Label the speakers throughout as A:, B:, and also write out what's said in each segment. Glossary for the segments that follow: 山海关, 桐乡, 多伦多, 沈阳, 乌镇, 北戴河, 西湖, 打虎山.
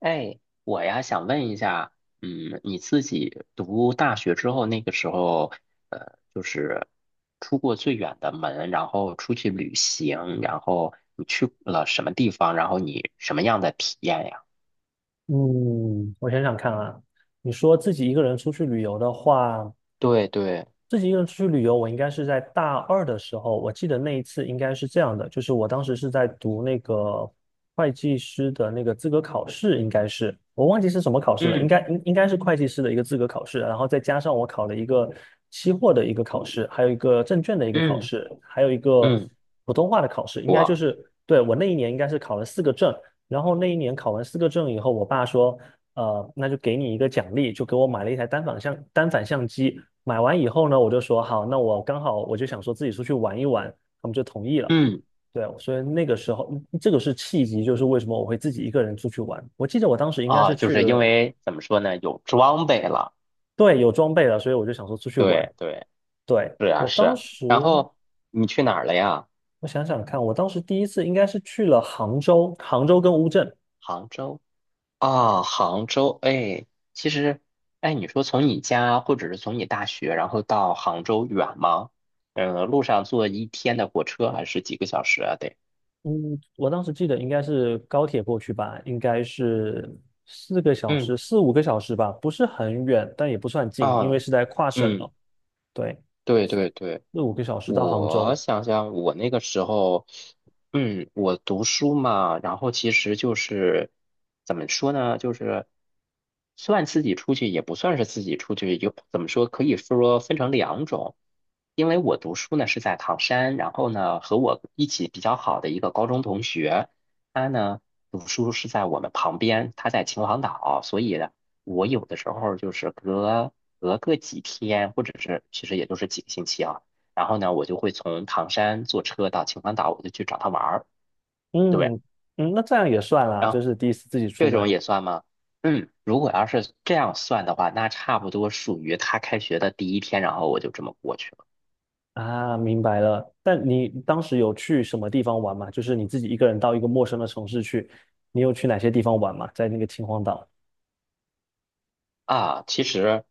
A: 哎，我呀想问一下，嗯，你自己读大学之后，那个时候，就是出过最远的门，然后出去旅行，然后你去了什么地方，然后你什么样的体验呀？
B: 嗯，我想想看啊。你说自己一个人出去旅游的话，
A: 对对，
B: 自己一个人出去旅游，我应该是在大二的时候。我记得那一次应该是这样的，就是我当时是在读那个会计师的那个资格考试，应该是我忘记是什么考试了，应
A: 嗯
B: 该应应该是会计师的一个资格考试，然后再加上我考了一个期货的一个考试，还有一个证券的一个考
A: 嗯
B: 试，还有一个
A: 嗯，
B: 普通话的考试，应该就
A: 我
B: 是。对，我那一年应该是考了四个证。然后那一年考完四个证以后，我爸说：那就给你一个奖励，就给我买了一台单反相机。买完以后呢，我就说好，那我刚好我就想说自己出去玩一玩，他们就同意了。
A: 嗯
B: 对，所以那个时候这个是契机，就是为什么我会自己一个人出去玩。我记得我当时应该
A: 啊，
B: 是
A: 就
B: 去
A: 是因
B: 了。
A: 为怎么说呢，有装备了。
B: 对，有装备了，所以我就想说出去玩。
A: 对对，
B: 对，
A: 是啊
B: 我
A: 是
B: 当
A: 啊
B: 时，
A: 然后你去哪儿了呀？
B: 我想想看，我当时第一次应该是去了杭州，杭州跟乌镇。
A: 杭州。啊，杭州，哎，其实，哎，你说从你家或者是从你大学，然后到杭州远吗？路上坐一天的火车还是几个小时啊？得，
B: 嗯，我当时记得应该是高铁过去吧，应该是四个小
A: 嗯，
B: 时、四五个小时吧，不是很远，但也不算近，因
A: 啊，
B: 为是在跨省
A: 嗯，
B: 了。对，
A: 对对对。
B: 四五个小时到杭
A: 我
B: 州。
A: 想想，我那个时候，嗯，我读书嘛，然后其实就是怎么说呢，就是算自己出去，也不算是自己出去，有怎么说，可以说分成两种。因为我读书呢是在唐山，然后呢和我一起比较好的一个高中同学，他呢读书是在我们旁边，他在秦皇岛，所以呢，我有的时候就是隔个几天，或者是其实也就是几个星期啊。然后呢，我就会从唐山坐车到秦皇岛，我就去找他玩儿。对不对，
B: 嗯嗯，那这样也算啦，
A: 然
B: 就
A: 后
B: 是第一次自己出
A: 这种
B: 门
A: 也算吗？嗯，如果要是这样算的话，那差不多属于他开学的第一天，然后我就这么过去了
B: 啊。明白了，但你当时有去什么地方玩吗？就是你自己一个人到一个陌生的城市去，你有去哪些地方玩吗？在那个秦皇岛。
A: 啊。其实，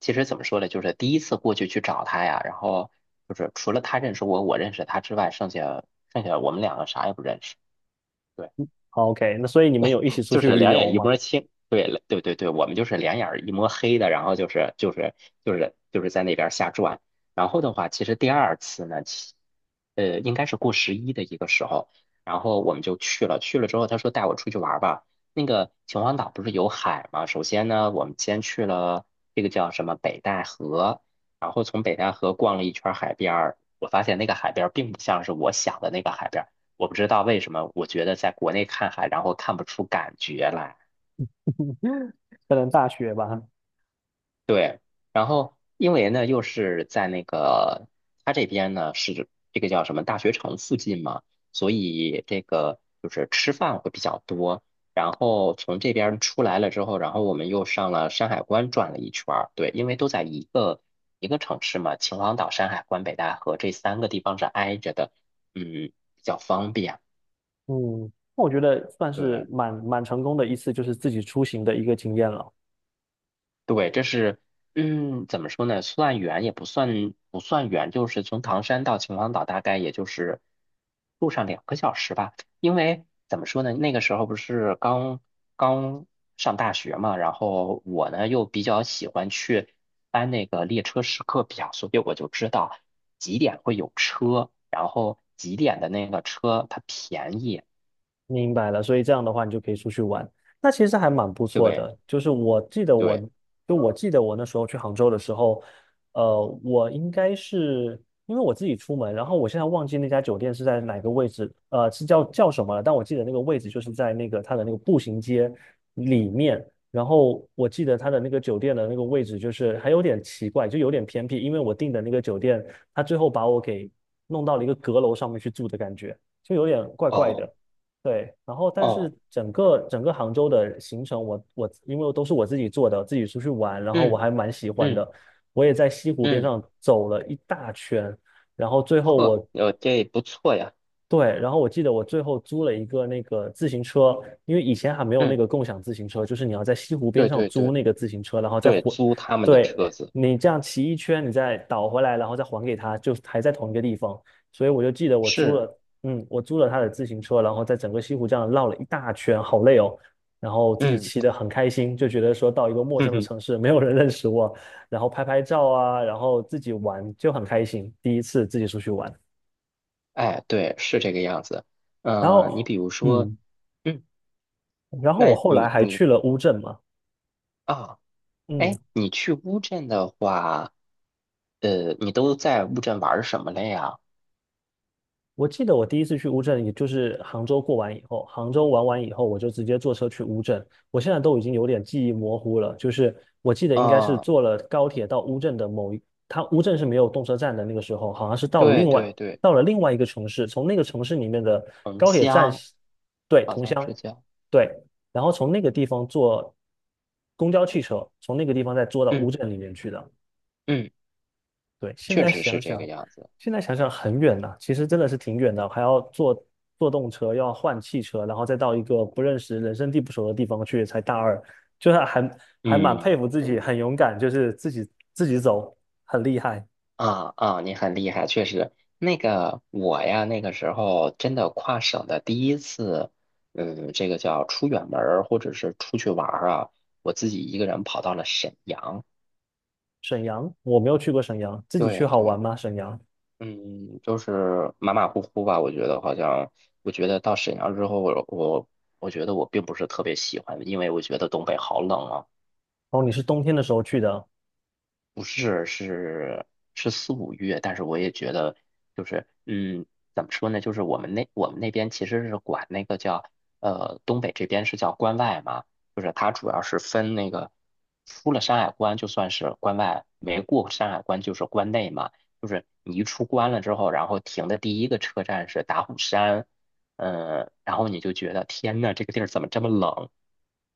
A: 其实怎么说呢，就是第一次过去去找他呀，然后就是除了他认识我，我认识他之外，剩下我们两个啥也不认识。对，
B: 好，OK，那所以你们有一起出
A: 就
B: 去
A: 是
B: 旅
A: 两
B: 游
A: 眼一
B: 吗？
A: 摸清，对对对对，我们就是两眼儿一摸黑的，然后就是在那边儿瞎转。然后的话，其实第二次呢，应该是过十一的一个时候，然后我们就去了。去了之后，他说带我出去玩儿吧。那个秦皇岛不是有海吗？首先呢，我们先去了这个叫什么北戴河，然后从北戴河逛了一圈儿海边儿。我发现那个海边儿并不像是我想的那个海边，我不知道为什么，我觉得在国内看海，然后看不出感觉来。
B: 可能大学吧。
A: 对，然后因为呢，又是在那个他这边呢是这个叫什么大学城附近嘛，所以这个就是吃饭会比较多。然后从这边出来了之后，然后我们又上了山海关转了一圈儿。对，因为都在一个城市嘛，秦皇岛、山海关、北戴河这三个地方是挨着的，嗯，比较方便。
B: 嗯，那我觉得算是
A: 对。
B: 蛮成功的一次，就是自己出行的一个经验了。
A: 对，这是，嗯，怎么说呢？算远也不算，不算远，就是从唐山到秦皇岛，大概也就是路上两个小时吧。因为怎么说呢？那个时候不是刚上大学嘛，然后我呢又比较喜欢去翻那个列车时刻表，所以我就知道几点会有车，然后几点的那个车它便宜。
B: 明白了，所以这样的话，你就可以出去玩，那其实还蛮不错
A: 对
B: 的。就是我记得我，
A: 对，
B: 就我记得我那时候去杭州的时候，我应该是因为我自己出门，然后我现在忘记那家酒店是在哪个位置，是叫什么了？但我记得那个位置就是在那个它的那个步行街里面。然后我记得它的那个酒店的那个位置就是还有点奇怪，就有点偏僻，因为我订的那个酒店，它最后把我给弄到了一个阁楼上面去住的感觉，就有点怪怪
A: 哦
B: 的。对，然后但是
A: 哦，
B: 整个杭州的行程我因为都是我自己做的，自己出去玩，然后我
A: 嗯
B: 还蛮喜欢
A: 嗯
B: 的。我也在西湖边
A: 嗯，
B: 上走了一大圈，然后最后
A: 呵，
B: 我。
A: 这不错呀。
B: 对，然后我记得我最后租了一个那个自行车，因为以前还没有那
A: 嗯，
B: 个共享自行车，就是你要在西湖边
A: 对
B: 上
A: 对
B: 租
A: 对
B: 那个自行车，然后再
A: 对，
B: 还。
A: 租他们的
B: 对，
A: 车子
B: 你这样骑一圈，你再倒回来，然后再还给他，就还在同一个地方。所以我就记得我租
A: 是，
B: 了，我租了他的自行车，然后在整个西湖这样绕了一大圈，好累哦。然后自己
A: 嗯，
B: 骑得很开心，就觉得说到一个 陌
A: 哼
B: 生的
A: 哼，
B: 城市，没有人认识我，然后拍拍照啊，然后自己玩就很开心，第一次自己出去玩，
A: 哎，对，是这个样子。
B: 然
A: 嗯，你
B: 后。
A: 比如说，
B: 嗯，
A: 嗯，
B: 然后我
A: 那
B: 后来
A: 你
B: 还
A: 你
B: 去了乌镇嘛。
A: 啊，
B: 嗯，
A: 哎，你去乌镇的话，你都在乌镇玩儿什么了呀？
B: 我记得我第一次去乌镇，也就是杭州过完以后，杭州玩完以后，我就直接坐车去乌镇。我现在都已经有点记忆模糊了，就是我记得应该是
A: 啊，
B: 坐了高铁到乌镇的某一，它乌镇是没有动车站的，那个时候好像是到了
A: 对
B: 另外
A: 对对，
B: 一个城市，从那个城市里面的
A: 桐
B: 高铁站，
A: 乡
B: 对，
A: 好
B: 桐
A: 像
B: 乡，
A: 是叫，
B: 对，然后从那个地方坐公交汽车，从那个地方再坐到乌
A: 嗯
B: 镇里面去的。
A: 嗯，
B: 对，现
A: 确
B: 在
A: 实是
B: 想
A: 这个
B: 想，
A: 样子。
B: 很远呐、其实真的是挺远的，还要坐动车，要换汽车，然后再到一个不认识、人生地不熟的地方去，才大二，就是还蛮
A: 嗯。
B: 佩服自己，很勇敢，就是自己走，很厉害。
A: 啊啊，你很厉害，确实。那个我呀，那个时候真的跨省的第一次，嗯，这个叫出远门儿或者是出去玩儿啊，我自己一个人跑到了沈阳。
B: 沈阳，我没有去过沈阳，自己去
A: 对
B: 好玩
A: 对，
B: 吗？沈阳？
A: 嗯，就是马马虎虎吧。我觉得好像，我觉得到沈阳之后，我觉得我并不是特别喜欢，因为我觉得东北好冷啊。
B: 哦，你是冬天的时候去的。
A: 不是，是是四五月，但是我也觉得，就是嗯，怎么说呢？就是我们那边其实是管那个叫呃东北这边是叫关外嘛，就是它主要是分那个出了山海关就算是关外，没过山海关就是关内嘛。就是你一出关了之后，然后停的第一个车站是打虎山，嗯、然后你就觉得天呐，这个地儿怎么这么冷？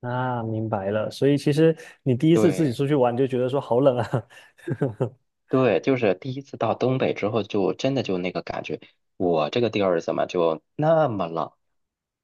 B: 啊，明白了。所以其实你第一次自己
A: 对。
B: 出去玩，你就觉得说好冷啊。
A: 对，就是第一次到东北之后，就真的就那个感觉，我这个地儿怎么就那么冷？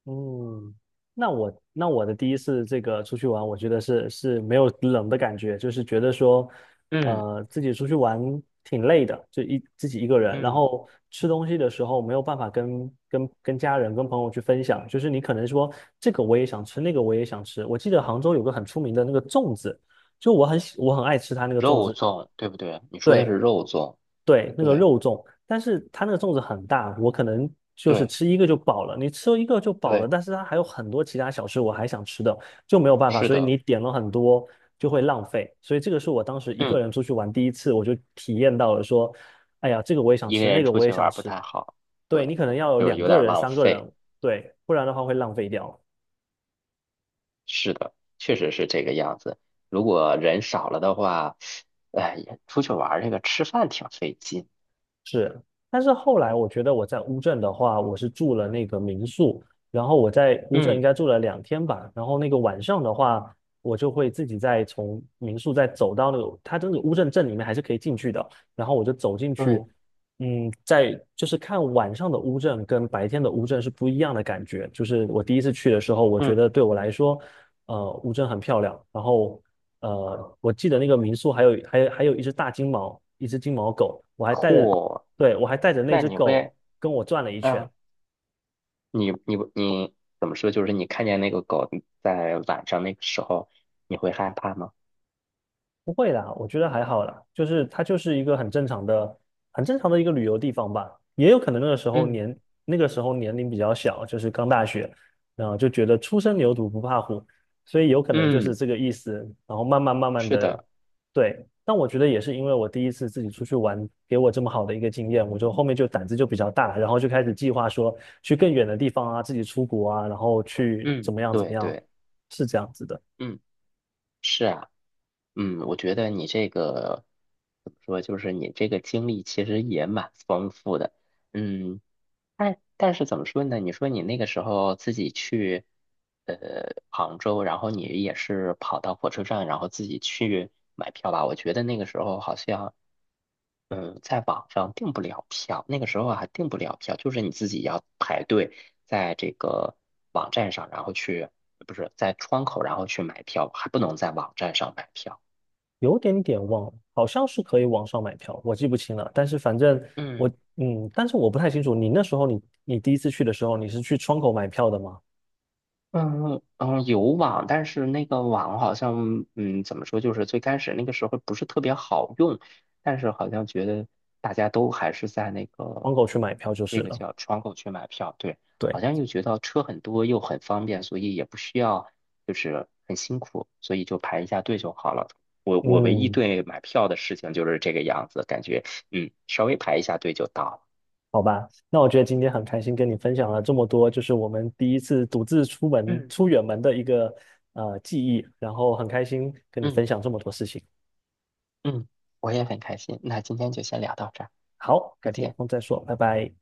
B: 嗯，那我的第一次这个出去玩，我觉得是没有冷的感觉，就是觉得说，
A: 嗯
B: 自己出去玩挺累的，就自己一个人，然
A: 嗯，
B: 后吃东西的时候没有办法跟家人、跟朋友去分享，就是你可能说这个我也想吃，那个我也想吃。我记得杭州有个很出名的那个粽子，就我很爱吃它那个粽
A: 肉
B: 子。
A: 粽，对不对？你说的
B: 对，
A: 是肉粽，
B: 对，那个
A: 对
B: 肉粽，但是它那个粽子很大，我可能就是
A: 对
B: 吃一个就饱了。你吃一个就饱了，
A: 对，
B: 但是它还有很多其他小吃我还想吃的，就没有办法。
A: 是
B: 所以
A: 的，
B: 你点了很多就会浪费。所以这个是我当时一个
A: 嗯，
B: 人出去玩第一次，我就体验到了说，哎呀，这个我也想
A: 一个
B: 吃，那
A: 人
B: 个
A: 出
B: 我也
A: 去玩
B: 想
A: 儿不
B: 吃。
A: 太好，
B: 对，你
A: 对，
B: 可能要有
A: 就
B: 两
A: 有
B: 个
A: 点儿
B: 人、
A: 浪
B: 三个
A: 费，
B: 人，对，不然的话会浪费掉。
A: 是的，确实是这个样子。如果人少了的话，哎，也出去玩儿这个吃饭挺费劲。
B: 是，但是后来我觉得我在乌镇的话，我是住了那个民宿，然后我在乌镇应
A: 嗯，
B: 该住了2天吧，然后那个晚上的话，我就会自己再从民宿再走到那个，它这个乌镇镇里面还是可以进去的，然后我就走进去，
A: 对，
B: 在就是看晚上的乌镇跟白天的乌镇是不一样的感觉，就是我第一次去的时候，我觉
A: 嗯，
B: 得对我来说，乌镇很漂亮，然后。我记得那个民宿还有一只大金毛，一只金毛狗，我还带着。
A: 嚯，
B: 对，我还带着那
A: 那
B: 只
A: 你
B: 狗
A: 会，
B: 跟我转了一圈。
A: 啊？你怎么说？就是你看见那个狗在晚上那个时候，你会害怕吗？
B: 不会啦，我觉得还好啦，就是它就是一个很正常的、很正常的一个旅游地方吧。也有可能
A: 嗯
B: 那个时候年龄比较小，就是刚大学，然后就觉得初生牛犊不怕虎，所以有可能就是
A: 嗯，
B: 这个意思。然后慢慢慢慢
A: 是
B: 的。
A: 的，
B: 对。但我觉得也是因为我第一次自己出去玩，给我这么好的一个经验，我就后面就胆子就比较大，然后就开始计划说去更远的地方啊，自己出国啊，然后去怎
A: 嗯，
B: 么样怎么
A: 对
B: 样，
A: 对，
B: 是这样子的。
A: 嗯嗯，我觉得你这个怎么说？就是你这个经历其实也蛮丰富的。嗯，但但是怎么说呢？你说你那个时候自己去呃杭州，然后你也是跑到火车站，然后自己去买票吧？我觉得那个时候好像。嗯，在网上订不了票，那个时候还订不了票，就是你自己要排队在这个网站上，然后去，不是在窗口，然后去买票，还不能在网站上买票。
B: 有点点忘了，好像是可以网上买票，我记不清了。但是反正我，
A: 嗯。
B: 但是我不太清楚，你那时候你第一次去的时候，你是去窗口买票的吗？
A: 嗯嗯，有网，但是那个网好像，嗯，怎么说，就是最开始那个时候不是特别好用，但是好像觉得大家都还是在那
B: 窗
A: 个
B: 口去买票就是
A: 那个
B: 了。
A: 叫窗口去买票，对，好
B: 对，
A: 像又觉得车很多又很方便，所以也不需要就是很辛苦，所以就排一下队就好了。我我唯一
B: 嗯，
A: 对买票的事情就是这个样子，感觉嗯，稍微排一下队就到了。
B: 好吧，那我觉得今天很开心跟你分享了这么多，就是我们第一次独自出门
A: 嗯
B: 出远门的一个记忆，然后很开心跟你
A: 嗯
B: 分享这么多事情。
A: 嗯，我也很开心。那今天就先聊到这儿，
B: 好，
A: 再
B: 改天有
A: 见。
B: 空再说，拜拜。